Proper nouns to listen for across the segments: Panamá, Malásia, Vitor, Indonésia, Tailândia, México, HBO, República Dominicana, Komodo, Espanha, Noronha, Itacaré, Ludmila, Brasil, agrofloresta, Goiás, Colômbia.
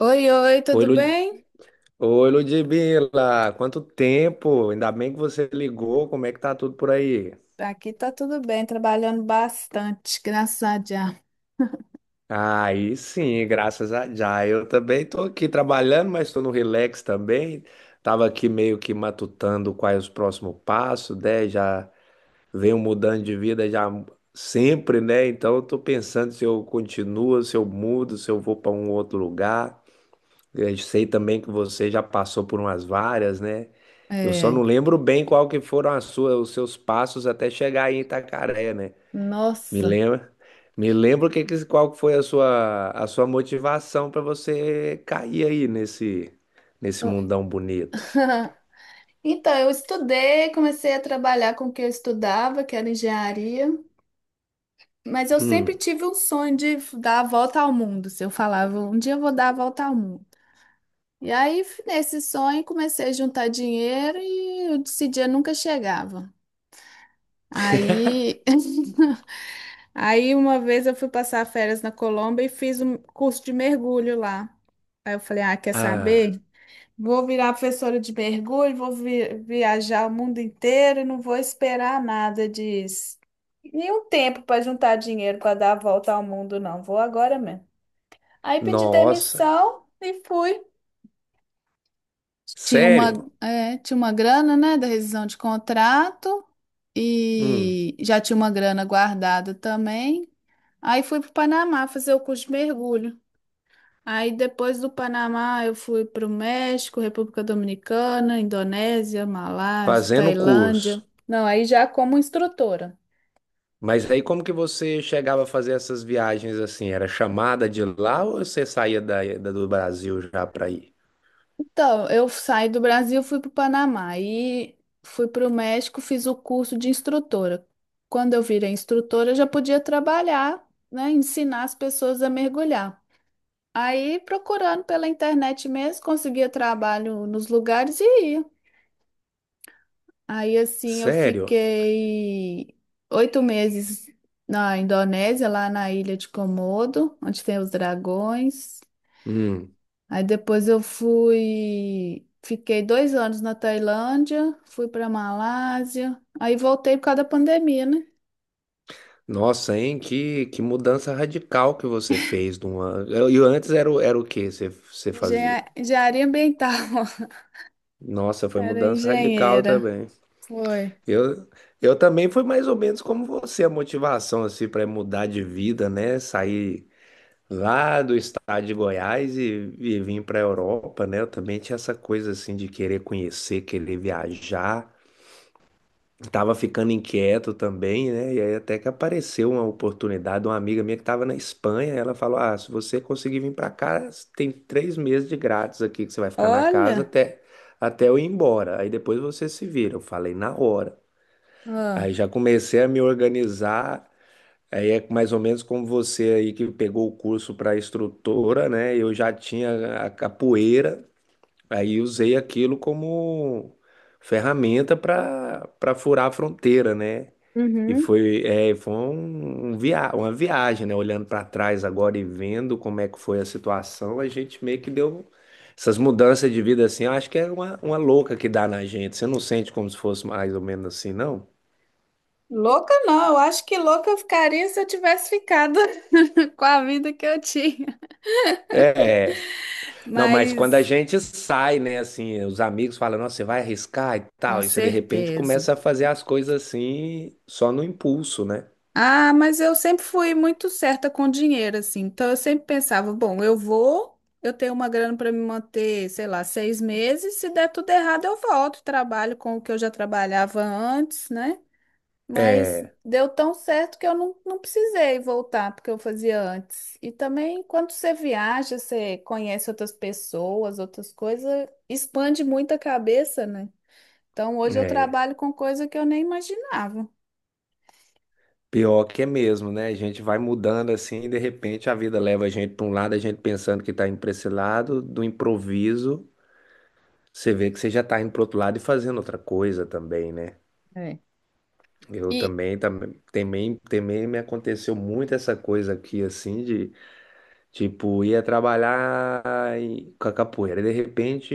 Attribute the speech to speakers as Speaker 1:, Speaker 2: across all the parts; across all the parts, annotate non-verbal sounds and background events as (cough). Speaker 1: Oi, oi,
Speaker 2: Oi,
Speaker 1: tudo
Speaker 2: Lud...
Speaker 1: bem?
Speaker 2: Oi, Ludmila, quanto tempo? Ainda bem que você ligou, como é que tá tudo por aí?
Speaker 1: Aqui tá tudo bem, trabalhando bastante, graças a Deus.
Speaker 2: Aí sim, graças a já. Eu também tô aqui trabalhando, mas tô no relax também. Tava aqui meio que matutando quais os próximos passos, né? Já venho mudando de vida já sempre, né? Então eu tô pensando se eu continuo, se eu mudo, se eu vou para um outro lugar. Eu sei também que você já passou por umas várias, né? Eu só
Speaker 1: É,
Speaker 2: não lembro bem qual que foram as suas, os seus passos até chegar aí em Itacaré, né? Me
Speaker 1: nossa.
Speaker 2: lembra, me lembro qual que foi a sua motivação para você cair aí nesse
Speaker 1: Eu-
Speaker 2: mundão bonito.
Speaker 1: (laughs) Então, eu estudei, comecei a trabalhar com o que eu estudava, que era engenharia, mas eu sempre
Speaker 2: Hum.
Speaker 1: tive um sonho de dar a volta ao mundo. Se eu falava, um dia eu vou dar a volta ao mundo. E aí, nesse sonho, comecei a juntar dinheiro e esse dia nunca chegava.
Speaker 2: (laughs)
Speaker 1: Aí (laughs) Aí uma vez eu fui passar férias na Colômbia e fiz um curso de mergulho lá. Aí eu falei, ah, quer
Speaker 2: Ah,
Speaker 1: saber? Vou virar professora de mergulho, vou viajar o mundo inteiro e não vou esperar nada disso. Nenhum tempo para juntar dinheiro para dar a volta ao mundo, não. Vou agora mesmo. Aí pedi
Speaker 2: nossa,
Speaker 1: demissão e fui. Tinha uma,
Speaker 2: sério?
Speaker 1: é, tinha uma grana, né, da rescisão de contrato
Speaker 2: Hum.
Speaker 1: e já tinha uma grana guardada também. Aí fui para o Panamá fazer o curso de mergulho. Aí depois do Panamá eu fui para o México, República Dominicana, Indonésia, Malásia,
Speaker 2: Fazendo
Speaker 1: Tailândia.
Speaker 2: curso.
Speaker 1: Não, aí já como instrutora.
Speaker 2: Mas aí como que você chegava a fazer essas viagens assim? Era chamada de lá ou você saía do Brasil já para ir?
Speaker 1: Então, eu saí do Brasil, fui para o Panamá e fui para o México, fiz o curso de instrutora. Quando eu virei instrutora, eu já podia trabalhar, né, ensinar as pessoas a mergulhar. Aí, procurando pela internet mesmo, conseguia trabalho nos lugares e ia. Aí assim eu
Speaker 2: Sério?
Speaker 1: fiquei 8 meses na Indonésia, lá na ilha de Komodo, onde tem os dragões.
Speaker 2: Hum.
Speaker 1: Aí depois eu fui, fiquei 2 anos na Tailândia, fui para Malásia, aí voltei por causa da pandemia, né?
Speaker 2: Nossa, hein? Que mudança radical que você fez de uma... E antes era, era o que você fazia?
Speaker 1: Engenharia ambiental, (laughs)
Speaker 2: Nossa, foi
Speaker 1: era
Speaker 2: mudança radical
Speaker 1: engenheira.
Speaker 2: também.
Speaker 1: Foi.
Speaker 2: Eu, eu também fui mais ou menos como você, a motivação assim para mudar de vida, né? Sair lá do estado de Goiás e vim para a Europa, né? Eu também tinha essa coisa assim de querer conhecer, querer viajar. Tava ficando inquieto também, né? E aí até que apareceu uma oportunidade de uma amiga minha que estava na Espanha. Ela falou: Ah, se você conseguir vir para cá, tem 3 meses de grátis aqui que você vai ficar na casa
Speaker 1: Olha,
Speaker 2: até, até eu ir embora. Aí depois você se vira. Eu falei na hora.
Speaker 1: ah,
Speaker 2: Aí já comecei a me organizar. Aí é mais ou menos como você aí que pegou o curso para instrutora, né? Eu já tinha a capoeira, aí usei aquilo como ferramenta para furar a fronteira, né? E
Speaker 1: uhum.
Speaker 2: foi, é, foi uma viagem, né? Olhando para trás agora e vendo como é que foi a situação, a gente meio que deu essas mudanças de vida assim. Eu acho que é uma louca que dá na gente. Você não sente como se fosse mais ou menos assim, não?
Speaker 1: Louca não, eu acho que louca eu ficaria se eu tivesse ficado (laughs) com a vida que eu tinha.
Speaker 2: É. Não, mas quando a
Speaker 1: Mas
Speaker 2: gente sai, né, assim, os amigos falam, nossa, você vai arriscar e
Speaker 1: com
Speaker 2: tal, e você de repente
Speaker 1: certeza.
Speaker 2: começa a fazer as coisas assim, só no impulso, né?
Speaker 1: Ah, mas eu sempre fui muito certa com dinheiro, assim. Então eu sempre pensava, bom, eu vou, eu tenho uma grana para me manter, sei lá, 6 meses. Se der tudo errado, eu volto, trabalho com o que eu já trabalhava antes, né? Mas
Speaker 2: É,
Speaker 1: deu tão certo que eu não precisei voltar porque eu fazia antes. E também, quando você viaja, você conhece outras pessoas, outras coisas, expande muito a cabeça, né? Então, hoje eu
Speaker 2: é,
Speaker 1: trabalho com coisa que eu nem imaginava.
Speaker 2: pior que é mesmo, né? A gente vai mudando assim, e de repente a vida leva a gente para um lado, a gente pensando que tá indo para esse lado, do improviso, você vê que você já tá indo pro outro lado e fazendo outra coisa também, né?
Speaker 1: É.
Speaker 2: Eu
Speaker 1: E
Speaker 2: também, me aconteceu muito essa coisa aqui, assim, de... Tipo, ia trabalhar com a capoeira. De repente,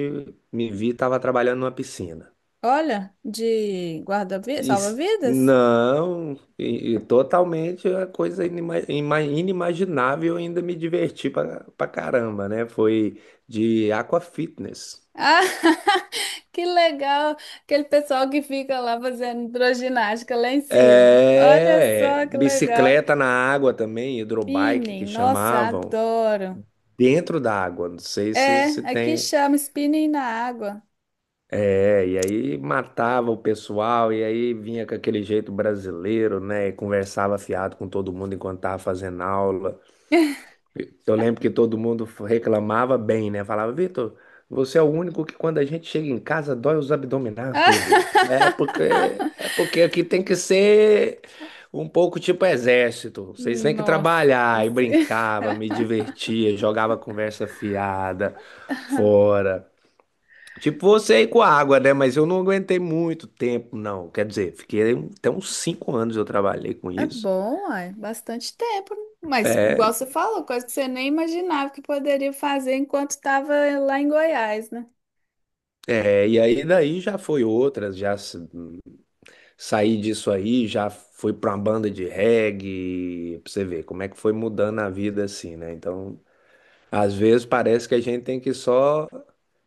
Speaker 2: me vi, tava trabalhando numa piscina.
Speaker 1: olha, de guarda-vidas, salva-vidas?
Speaker 2: Não, totalmente a coisa inimaginável, ainda me diverti pra caramba, né? Foi de aquafitness.
Speaker 1: Ah, (laughs) que legal! Aquele pessoal que fica lá fazendo hidroginástica lá em cima. Olha
Speaker 2: É,
Speaker 1: só que legal!
Speaker 2: bicicleta na água também, hidrobike que
Speaker 1: Spinning, nossa,
Speaker 2: chamavam,
Speaker 1: adoro!
Speaker 2: dentro da água. Não sei se,
Speaker 1: É,
Speaker 2: se
Speaker 1: aqui
Speaker 2: tem.
Speaker 1: chama spinning na água.
Speaker 2: É, e aí matava o pessoal, e aí vinha com aquele jeito brasileiro, né? E conversava fiado com todo mundo enquanto tava fazendo aula.
Speaker 1: (laughs)
Speaker 2: Eu lembro que todo mundo reclamava bem, né? Falava, Vitor, você é o único que quando a gente chega em casa dói os abdominais tudo. Eu
Speaker 1: Ah,
Speaker 2: falei, É porque aqui tem que ser um pouco tipo exército. Vocês têm que trabalhar. E
Speaker 1: nossa!
Speaker 2: brincava, me divertia, jogava conversa fiada fora. Tipo você aí com a água, né? Mas eu não aguentei muito tempo, não. Quer dizer, fiquei até uns 5 anos eu trabalhei com
Speaker 1: É
Speaker 2: isso.
Speaker 1: bom, uai, bastante tempo, né? Mas igual você falou, coisa que você nem imaginava que poderia fazer enquanto estava lá em Goiás, né?
Speaker 2: É, e aí daí já foi outras, já saí disso aí, já fui pra uma banda de reggae, pra você ver como é que foi mudando a vida assim, né? Então, às vezes parece que a gente tem que só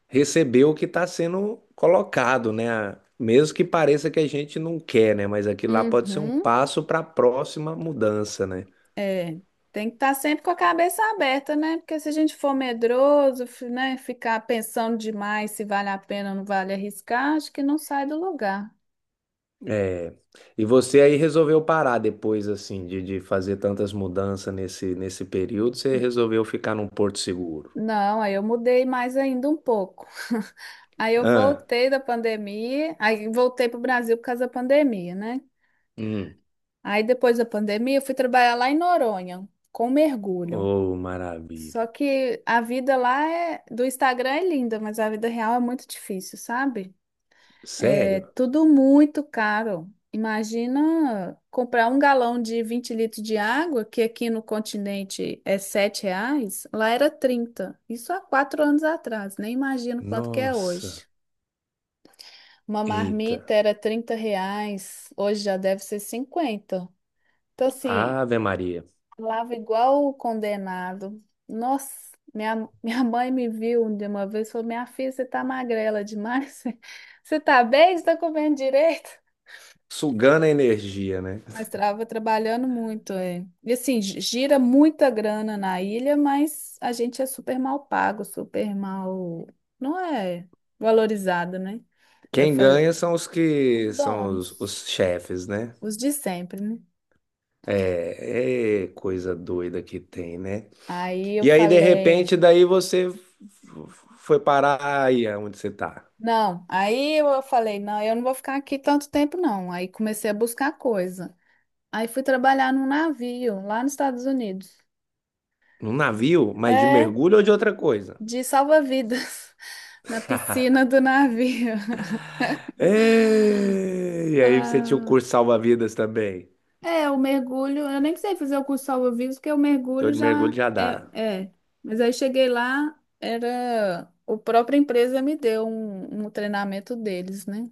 Speaker 2: receber o que tá sendo colocado, né? Mesmo que pareça que a gente não quer, né? Mas aquilo lá pode ser um
Speaker 1: Uhum.
Speaker 2: passo para a próxima mudança, né?
Speaker 1: É, tem que estar sempre com a cabeça aberta, né? Porque se a gente for medroso, né, ficar pensando demais se vale a pena ou não vale arriscar, acho que não sai do lugar.
Speaker 2: É. E você aí resolveu parar depois, assim, de fazer tantas mudanças nesse período, você
Speaker 1: N-
Speaker 2: resolveu ficar num porto seguro.
Speaker 1: Não, aí eu mudei mais ainda um pouco. (laughs) Aí eu
Speaker 2: Ah,
Speaker 1: voltei da pandemia, aí voltei para o Brasil por causa da pandemia, né?
Speaker 2: hum.
Speaker 1: Aí depois da pandemia eu fui trabalhar lá em Noronha com mergulho.
Speaker 2: Oh,
Speaker 1: Só
Speaker 2: maravilha.
Speaker 1: que a vida lá é- do Instagram é linda, mas a vida real é muito difícil, sabe? É
Speaker 2: Sério?
Speaker 1: tudo muito caro. Imagina comprar um galão de 20 litros de água, que aqui no continente é R$ 7, lá era 30. Isso há 4 anos atrás, nem imagino quanto que é hoje.
Speaker 2: Nossa.
Speaker 1: Uma
Speaker 2: Eita.
Speaker 1: marmita era R$ 30, hoje já deve ser 50. Então, assim,
Speaker 2: Ave Maria.
Speaker 1: falava igual o condenado. Nossa, minha mãe me viu de uma vez e falou: Minha filha, você tá magrela demais. (laughs) Você tá bem? Você tá comendo direito?
Speaker 2: Sugando a energia, né?
Speaker 1: Mas estava trabalhando muito, é. E assim, gira muita grana na ilha, mas a gente é super mal pago, super mal. Não é valorizado, né? Aí eu
Speaker 2: Quem
Speaker 1: falei:
Speaker 2: ganha são os
Speaker 1: Os
Speaker 2: que são os,
Speaker 1: donos,
Speaker 2: os chefes, né?
Speaker 1: os de sempre, né?
Speaker 2: É, coisa doida que tem, né?
Speaker 1: Aí eu
Speaker 2: E aí, de
Speaker 1: falei.
Speaker 2: repente, daí você foi parar aí é onde você tá.
Speaker 1: Não, aí eu falei, não, eu não vou ficar aqui tanto tempo, não. Aí comecei a buscar coisa. Aí fui trabalhar num navio lá nos Estados Unidos.
Speaker 2: Num navio, mas de
Speaker 1: É,
Speaker 2: mergulho ou de outra coisa?
Speaker 1: de salva-vidas, (laughs) na piscina do navio. (laughs)
Speaker 2: É, e aí você tinha o
Speaker 1: Ah,
Speaker 2: curso salva-vidas também.
Speaker 1: é, o mergulho, eu nem sei fazer o curso salva-vidas, porque o
Speaker 2: Então
Speaker 1: mergulho
Speaker 2: de mergulho
Speaker 1: já
Speaker 2: já
Speaker 1: é,
Speaker 2: dá.
Speaker 1: é. Mas aí cheguei lá, era, o própria empresa me deu um, um treinamento deles, né?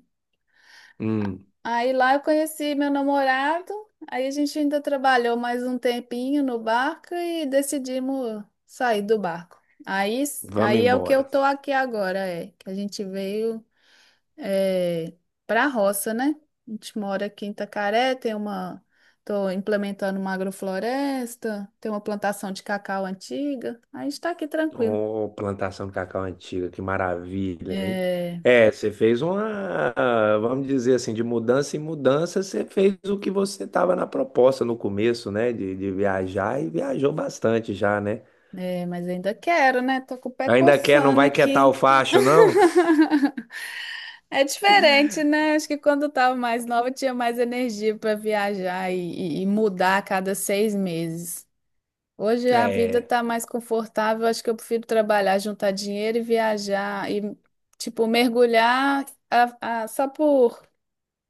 Speaker 2: Hum,
Speaker 1: Aí lá eu conheci meu namorado, aí a gente ainda trabalhou mais um tempinho no barco e decidimos sair do barco. Aí,
Speaker 2: vamos
Speaker 1: aí é o que eu
Speaker 2: embora.
Speaker 1: tô aqui agora, é que a gente veio é, para a roça, né? A gente mora aqui em Itacaré, tô implementando uma agrofloresta, tem uma plantação de cacau antiga, aí a gente tá aqui tranquilo.
Speaker 2: Ô, plantação de cacau antiga, que maravilha, hein?
Speaker 1: É,
Speaker 2: É, você fez uma, vamos dizer assim, de mudança em mudança, você fez o que você estava na proposta no começo, né? De viajar e viajou bastante já, né?
Speaker 1: é, mas ainda quero, né? Tô com o pé
Speaker 2: Ainda quer, não
Speaker 1: coçando
Speaker 2: vai quietar o
Speaker 1: aqui.
Speaker 2: facho, não?
Speaker 1: (laughs) É diferente, né? Acho que quando eu tava mais nova, eu tinha mais energia para viajar e, e mudar a cada 6 meses. Hoje a vida
Speaker 2: É.
Speaker 1: tá mais confortável, acho que eu prefiro trabalhar, juntar dinheiro e viajar e, tipo, mergulhar só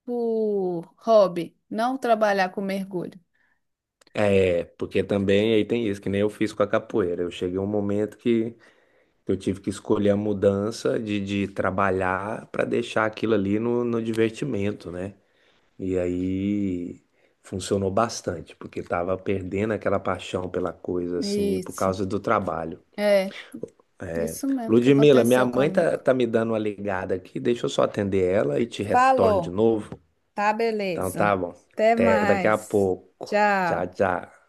Speaker 1: por hobby, não trabalhar com mergulho.
Speaker 2: É, porque também aí tem isso, que nem eu fiz com a capoeira. Eu cheguei a um momento que eu tive que escolher a mudança de trabalhar para deixar aquilo ali no divertimento, né? E aí funcionou bastante, porque tava perdendo aquela paixão pela coisa, assim, por
Speaker 1: Isso,
Speaker 2: causa do trabalho.
Speaker 1: é, isso mesmo que
Speaker 2: Ludmila, minha
Speaker 1: aconteceu
Speaker 2: mãe tá,
Speaker 1: comigo.
Speaker 2: tá me dando uma ligada aqui, deixa eu só atender ela e te retorno de
Speaker 1: Falou,
Speaker 2: novo.
Speaker 1: tá,
Speaker 2: Então
Speaker 1: beleza.
Speaker 2: tá bom.
Speaker 1: Até
Speaker 2: Até daqui a
Speaker 1: mais.
Speaker 2: pouco. Tchau,
Speaker 1: Tchau.
Speaker 2: tchau.